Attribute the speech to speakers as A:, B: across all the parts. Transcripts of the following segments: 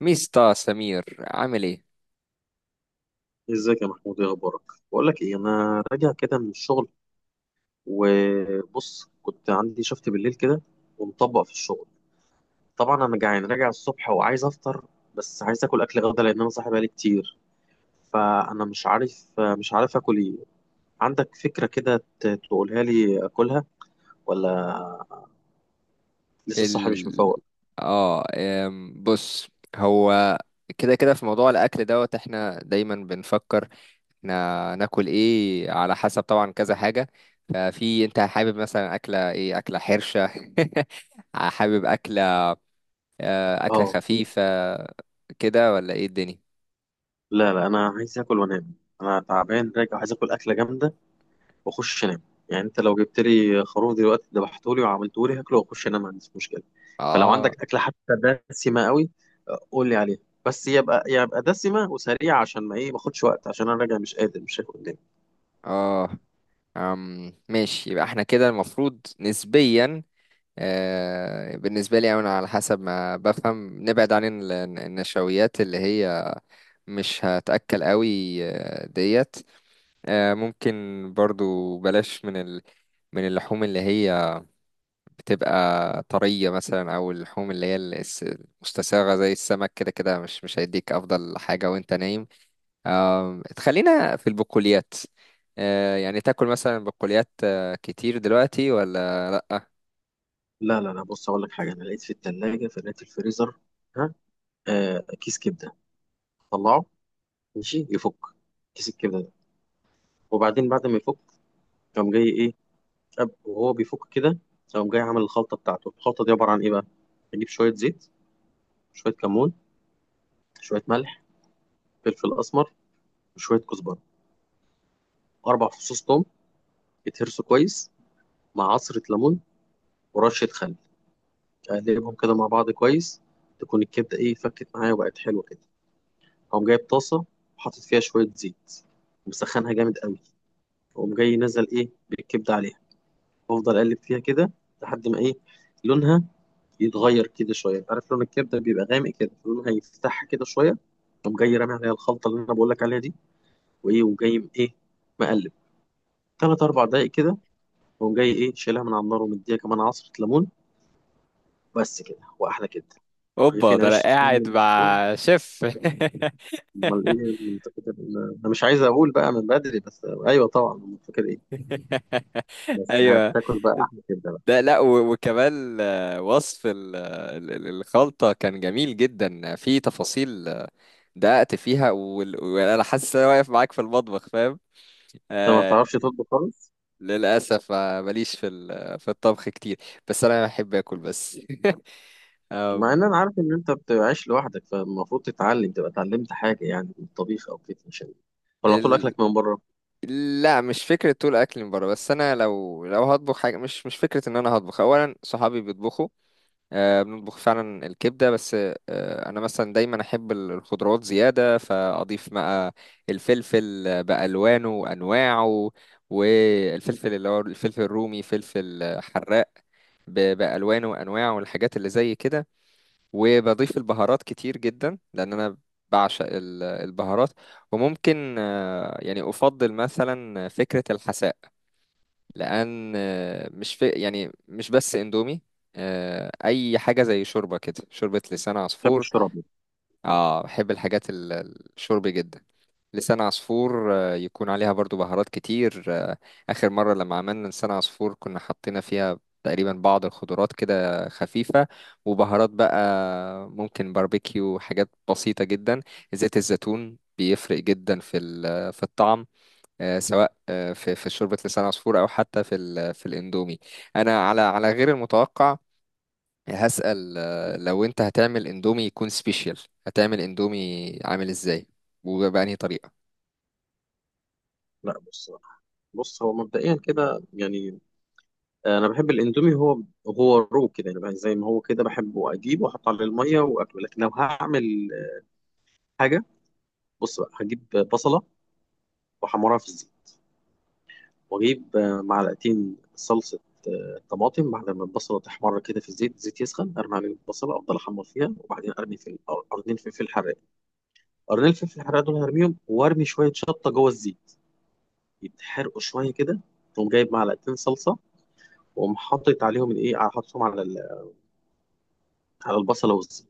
A: ميستا سمير عامل ايه؟
B: ازيك يا محمود؟ ايه اخبارك؟ بقول لك ايه، انا راجع كده من الشغل، وبص كنت عندي شفت بالليل كده، ومطبق في الشغل. طبعا انا جعان راجع الصبح وعايز افطر، بس عايز اكل غدا لان انا صاحي بقالي كتير. فانا مش عارف اكل ايه. عندك فكرة كده تقولها لي اكلها؟ ولا لسه صاحي مش
A: ال
B: مفوق؟
A: اه أم، بص. هو كده كده في موضوع الاكل دوت احنا دايما بنفكر احنا ناكل ايه على حسب طبعا كذا حاجه. ففي انت حابب مثلا اكله ايه؟ اكله حرشه حابب اكله اكله
B: اه.
A: خفيفه كده ولا ايه الدنيا؟
B: لا لا، انا عايز اكل وانام. انا تعبان راجع، عايز اكل اكلة جامدة واخش انام. يعني انت لو جبت لي خروف دلوقتي ذبحته لي وعملته لي، هاكله واخش انام، ما عنديش مشكله. فلو
A: اه
B: عندك اكله حتى دسمه قوي، قول لي عليها. بس يبقى دسمه وسريعه عشان ما ايه، ما اخدش وقت، عشان انا راجع مش قادر، مش شايف قدامي.
A: اه أم، ماشي، يبقى احنا كده المفروض نسبيا. بالنسبة لي أنا على حسب ما بفهم نبعد عن النشويات اللي هي مش هتأكل قوي. ديت ممكن، برضو بلاش من اللحوم اللي هي بتبقى طرية مثلا، أو اللحوم اللي هي المستساغة زي السمك كده كده مش هيديك أفضل حاجة وأنت نايم. تخلينا في البقوليات. يعني تاكل مثلا بقوليات كتير دلوقتي ولا لأ؟
B: لا لا لا، بص اقول لك حاجه. انا لقيت في الثلاجه في لقيت في الفريزر. ها. كيس كبده، طلعه ماشي يفك. كيس الكبده ده، وبعدين بعد ما يفك، قام جاي ايه، وهو بيفك كده، قام جاي عامل الخلطه بتاعته. الخلطه دي عباره عن ايه بقى؟ اجيب شويه زيت، شويه كمون، شويه ملح، فلفل اسمر، وشويه كزبره، 4 فصوص توم يتهرسوا كويس، مع عصره ليمون ورشه خل. اقلبهم كده مع بعض كويس، تكون الكبده ايه، فكت معايا وبقت حلوه كده. اقوم جايب طاسه وحاطط فيها شويه زيت ومسخنها جامد قوي، واقوم جاي نزل ايه بالكبده عليها، وافضل اقلب فيها كده لحد ما ايه، لونها يتغير كده شويه. انت عارف لون الكبده بيبقى غامق كده، لونها يفتحها كده شويه. اقوم جاي رامي عليها الخلطه اللي انا بقول لك عليها دي، وايه وجاي ايه مقلب تلات اربع دقايق كده. قوم جاي ايه شايلها من على النار ومديها كمان عصرة ليمون. بس كده، واحلى كده
A: اوبا،
B: ورغيفين
A: ده
B: عيش
A: انا
B: سخنين
A: قاعد
B: من الفرن.
A: مع شيف.
B: امال ايه، من فاكر. انا مش عايز اقول بقى من بدري بس ايوه طبعا من فاكر ايه. بس
A: ايوه،
B: هتاكل بقى احلى كده بقى.
A: ده لا وكمان وصف الخلطه كان جميل جدا في تفاصيل. دققت فيها وانا حاسس ان انا واقف معاك في المطبخ، فاهم؟
B: انت ما
A: آه
B: بتعرفش تطبخ خالص؟
A: للاسف ماليش في الطبخ كتير، بس انا بحب اكل بس.
B: مع
A: أم،
B: ان انا عارف ان انت بتعيش لوحدك، فالمفروض تتعلم، تبقى اتعلمت حاجه يعني من الطبيخ او كده، عشان، ولا طول
A: ال...
B: اكلك من بره، ما
A: لا مش فكرة طول أكل من بره، بس أنا لو هطبخ حاجة مش فكرة إن أنا هطبخ. أولا صحابي بيطبخوا بنطبخ فعلا الكبدة بس. أنا مثلا دايما أحب الخضروات زيادة، فأضيف بقى الفلفل بألوانه وأنواعه، والفلفل اللي هو الفلفل الرومي، فلفل حراق بألوانه وأنواعه والحاجات اللي زي كده. وبضيف البهارات كتير جدا لأن أنا بعشق البهارات. وممكن يعني أفضل مثلا فكرة الحساء، لان مش في يعني مش بس اندومي، اي حاجه زي شوربه كده، شوربه لسان عصفور.
B: بتحبش تشرب؟
A: اه، بحب الحاجات الشرب جدا. لسان عصفور يكون عليها برضو بهارات كتير. اخر مره لما عملنا لسان عصفور كنا حطينا فيها تقريبا بعض الخضروات كده خفيفه، وبهارات بقى، ممكن باربيكيو، حاجات بسيطه جدا. زيت الزيتون بيفرق جدا في الطعم، سواء في شوربة لسان عصفور أو حتى في الإندومي. أنا على غير المتوقع هسأل لو أنت هتعمل إندومي يكون سبيشال، هتعمل إندومي عامل إزاي؟ وبأنهي طريقة؟
B: لا، بص. هو مبدئيا كده يعني، انا بحب الاندومي. هو رو كده يعني بقى، زي ما هو كده بحبه، اجيبه واحط عليه الميه واكله. لكن لو هعمل حاجه، بص بقى، هجيب بصله واحمرها في الزيت، واجيب معلقتين صلصه طماطم. بعد ما البصله تحمر كده في الزيت، الزيت يسخن ارمي عليه البصله، افضل احمر فيها وبعدين ارمي في قرنين فلفل حراق. قرنين فلفل حراق دول هرميهم، وارمي شويه شطه جوه الزيت، يتحرقوا شويه كده. تقوم جايب معلقتين صلصه واقوم حاطط عليهم الايه، حاططهم على على البصله والزيت.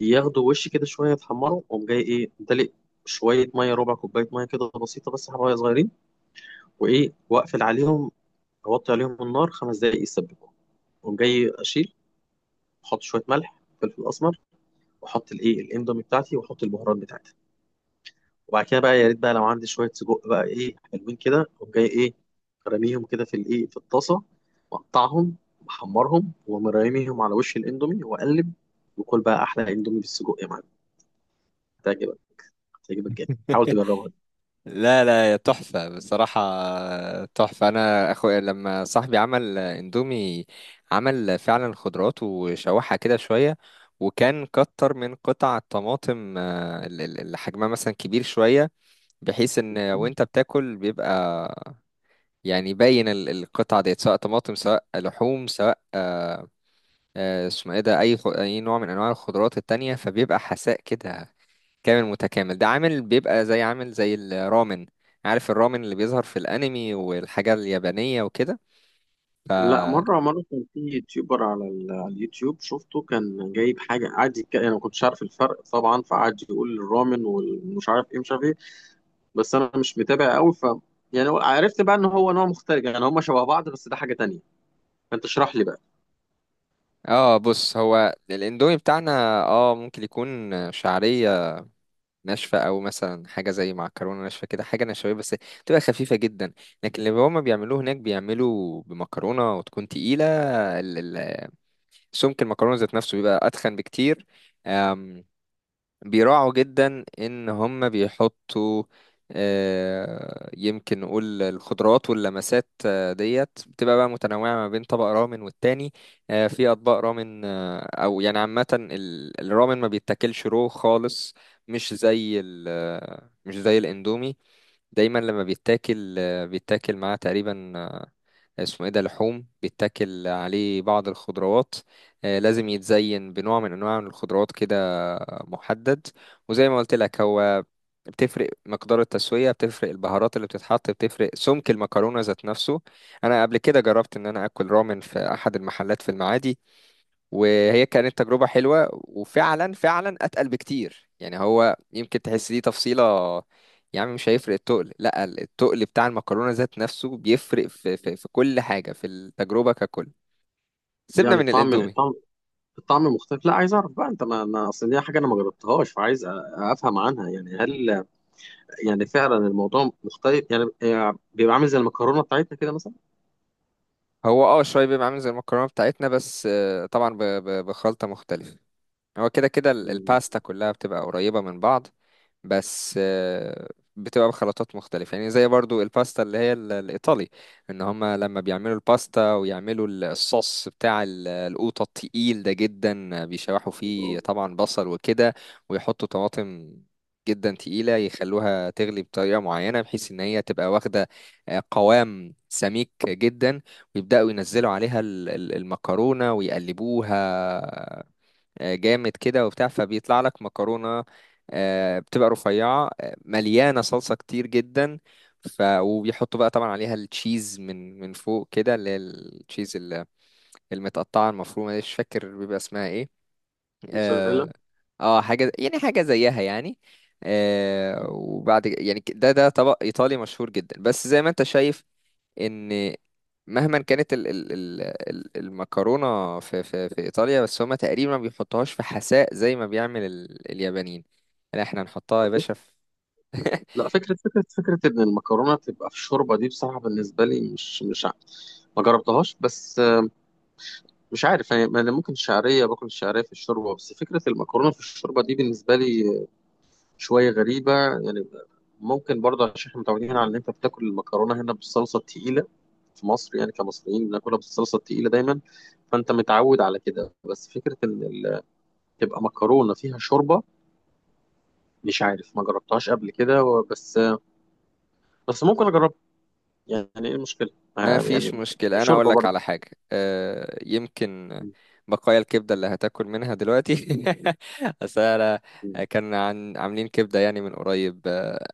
B: ياخدوا وش كده شويه يتحمروا، وقوم جاي ايه دلق شويه ميه، ربع كوبايه ميه كده بسيطه، بس حبايه صغيرين. وايه، واقفل عليهم، اوطي عليهم النار 5 دقائق يتسبكوا. وقوم جاي اشيل، احط شويه ملح، فلفل اسمر، واحط الايه الاندومي بتاعتي واحط البهارات بتاعتي. وبعد كده بقى، يا ريت بقى لو عندي شويه سجق بقى ايه حلوين كده، اقوم جاي ايه راميهم كده في الايه في الطاسه، مقطعهم، محمرهم ومرميهم على وش الاندومي واقلب. وكل بقى احلى اندومي بالسجق يا معلم. هتعجبك، هتعجبك جدا، حاول تجربها.
A: لا لا يا تحفة، بصراحة تحفة. أنا أخويا لما صاحبي عمل إندومي عمل فعلا خضروات وشوحها كده شوية، وكان كتر من قطع الطماطم، اللي حجمها مثلا كبير شوية، بحيث إن وأنت بتاكل بيبقى يعني باين القطعة ديت، سواء طماطم سواء لحوم سواء اسمه ايه ده، اي نوع من انواع الخضروات التانية، فبيبقى حساء كده كامل متكامل. ده عامل بيبقى زي، عامل زي الرامن. عارف الرامن اللي بيظهر في الانمي والحاجة اليابانية وكده؟
B: لا، مرة مرة كان في يوتيوبر على على اليوتيوب شفته كان جايب حاجة، قعد أنا ما كنتش عارف الفرق طبعا، فقعد يقول الرامن والمش عارف إيه مش عارف إيه. بس أنا مش متابع قوي ف، يعني عرفت بقى إن هو نوع مختلف يعني، هما شبه بعض بس ده حاجة تانية. فأنت اشرح لي بقى.
A: اه، بص، هو الاندومي بتاعنا اه ممكن يكون شعرية ناشفة، او مثلا حاجة زي معكرونة ناشفة كده، حاجة نشوية بس تبقى خفيفة جدا. لكن اللي هما بيعملوه هناك بيعملوا بمكرونة وتكون تقيلة، سمك المكرونة ذات نفسه بيبقى أتخن بكتير. أم، بيراعوا جدا إن هم بيحطوا يمكن نقول الخضروات، واللمسات ديت بتبقى بقى متنوعة ما بين طبق رامن والتاني. في أطباق رامن. أو يعني عامة الرامن ما بيتاكلش رو خالص، مش زي الإندومي. دايما لما بيتاكل بيتاكل معاه تقريبا اسمه ايه ده، لحوم، بيتاكل عليه بعض الخضروات. لازم يتزين بنوع من انواع من الخضروات كده محدد. وزي ما قلت لك، هو بتفرق مقدار التسوية، بتفرق البهارات اللي بتتحط، بتفرق سمك المكرونة ذات نفسه. أنا قبل كده جربت إن أنا أكل رامن في أحد المحلات في المعادي، وهي كانت تجربة حلوة، وفعلا فعلا أتقل بكتير. يعني هو يمكن تحس دي تفصيلة، يعني مش هيفرق التقل. لا، التقل بتاع المكرونة ذات نفسه بيفرق في كل حاجة، في التجربة ككل. سيبنا
B: يعني
A: من
B: الطعم،
A: الاندومي.
B: الطعم مختلف. لا عايز أعرف بقى أنت، ما أنا أصل دي حاجة أنا ما جربتهاش، فعايز أفهم عنها. يعني هل يعني فعلا الموضوع مختلف يعني، يعني بيبقى عامل زي المكرونة بتاعتنا كده مثلا؟
A: هو اه شوية بيبقى عامل زي المكرونة بتاعتنا، بس طبعا بخلطة مختلفة. هو كده كده
B: مم.
A: الباستا كلها بتبقى قريبة من بعض، بس بتبقى بخلطات مختلفة. يعني زي برضو الباستا اللي هي الإيطالي، إن هما لما بيعملوا الباستا ويعملوا الصوص بتاع القوطة التقيل ده جدا، بيشوحوا فيه طبعا بصل وكده، ويحطوا طماطم جدا تقيلة، يخلوها تغلي بطريقة معينة بحيث إن هي تبقى واخدة قوام سميك جدا، ويبدأوا ينزلوا عليها المكرونة ويقلبوها جامد كده وبتاع، فبيطلع لك مكرونة بتبقى رفيعة مليانة صلصة كتير جدا. وبيحطوا بقى طبعا عليها التشيز من فوق كده، اللي هي التشيز المتقطعة المفرومة دي، مش فاكر بيبقى اسمها ايه.
B: موتزاريلا.
A: اه حاجة يعني، حاجة زيها يعني. وبعد يعني ده طبق إيطالي مشهور جدا. بس زي ما انت شايف ان مهما كانت المكرونه في ايطاليا، بس هما تقريبا ما بيحطوهاش في حساء زي ما بيعمل اليابانيين. لا احنا نحطها يا باشا في.
B: لا، فكرة إن المكرونة تبقى في الشوربة دي، بصراحة بالنسبة لي مش ما جربتهاش، بس مش عارف يعني، ما أنا ممكن الشعرية، باكل الشعرية في الشوربة، بس فكرة المكرونة في الشوربة دي بالنسبة لي شوية غريبة يعني. ممكن برضه عشان احنا متعودين على إن أنت بتاكل المكرونة هنا بالصلصة التقيلة، في مصر يعني كمصريين بناكلها بالصلصة التقيلة دايما، فأنت متعود على كده. بس فكرة إن تبقى مكرونة فيها شوربة، مش عارف، ما جربتهاش قبل كده بس، بس ممكن أجربها. يعني ايه المشكلة؟
A: ما فيش
B: يعني
A: مشكلة. أنا أقول
B: شوربة
A: لك
B: برضه.
A: على حاجة يمكن بقايا الكبدة اللي هتاكل منها دلوقتي. أصل أنا كان عن عاملين كبدة يعني من قريب،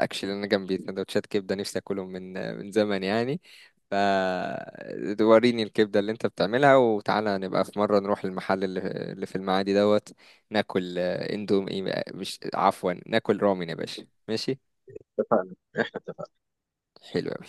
A: أكشلي أنا جنبي سندوتشات كبدة، نفسي أكلهم من زمن يعني. فوريني الكبدة اللي أنت بتعملها، وتعالى نبقى في مرة نروح المحل اللي في المعادي دوت، ناكل إندومي، مش، عفوا، ناكل رامن يا باشا، ماشي؟
B: اتفقنا، احنا اتفقنا.
A: حلو أوي.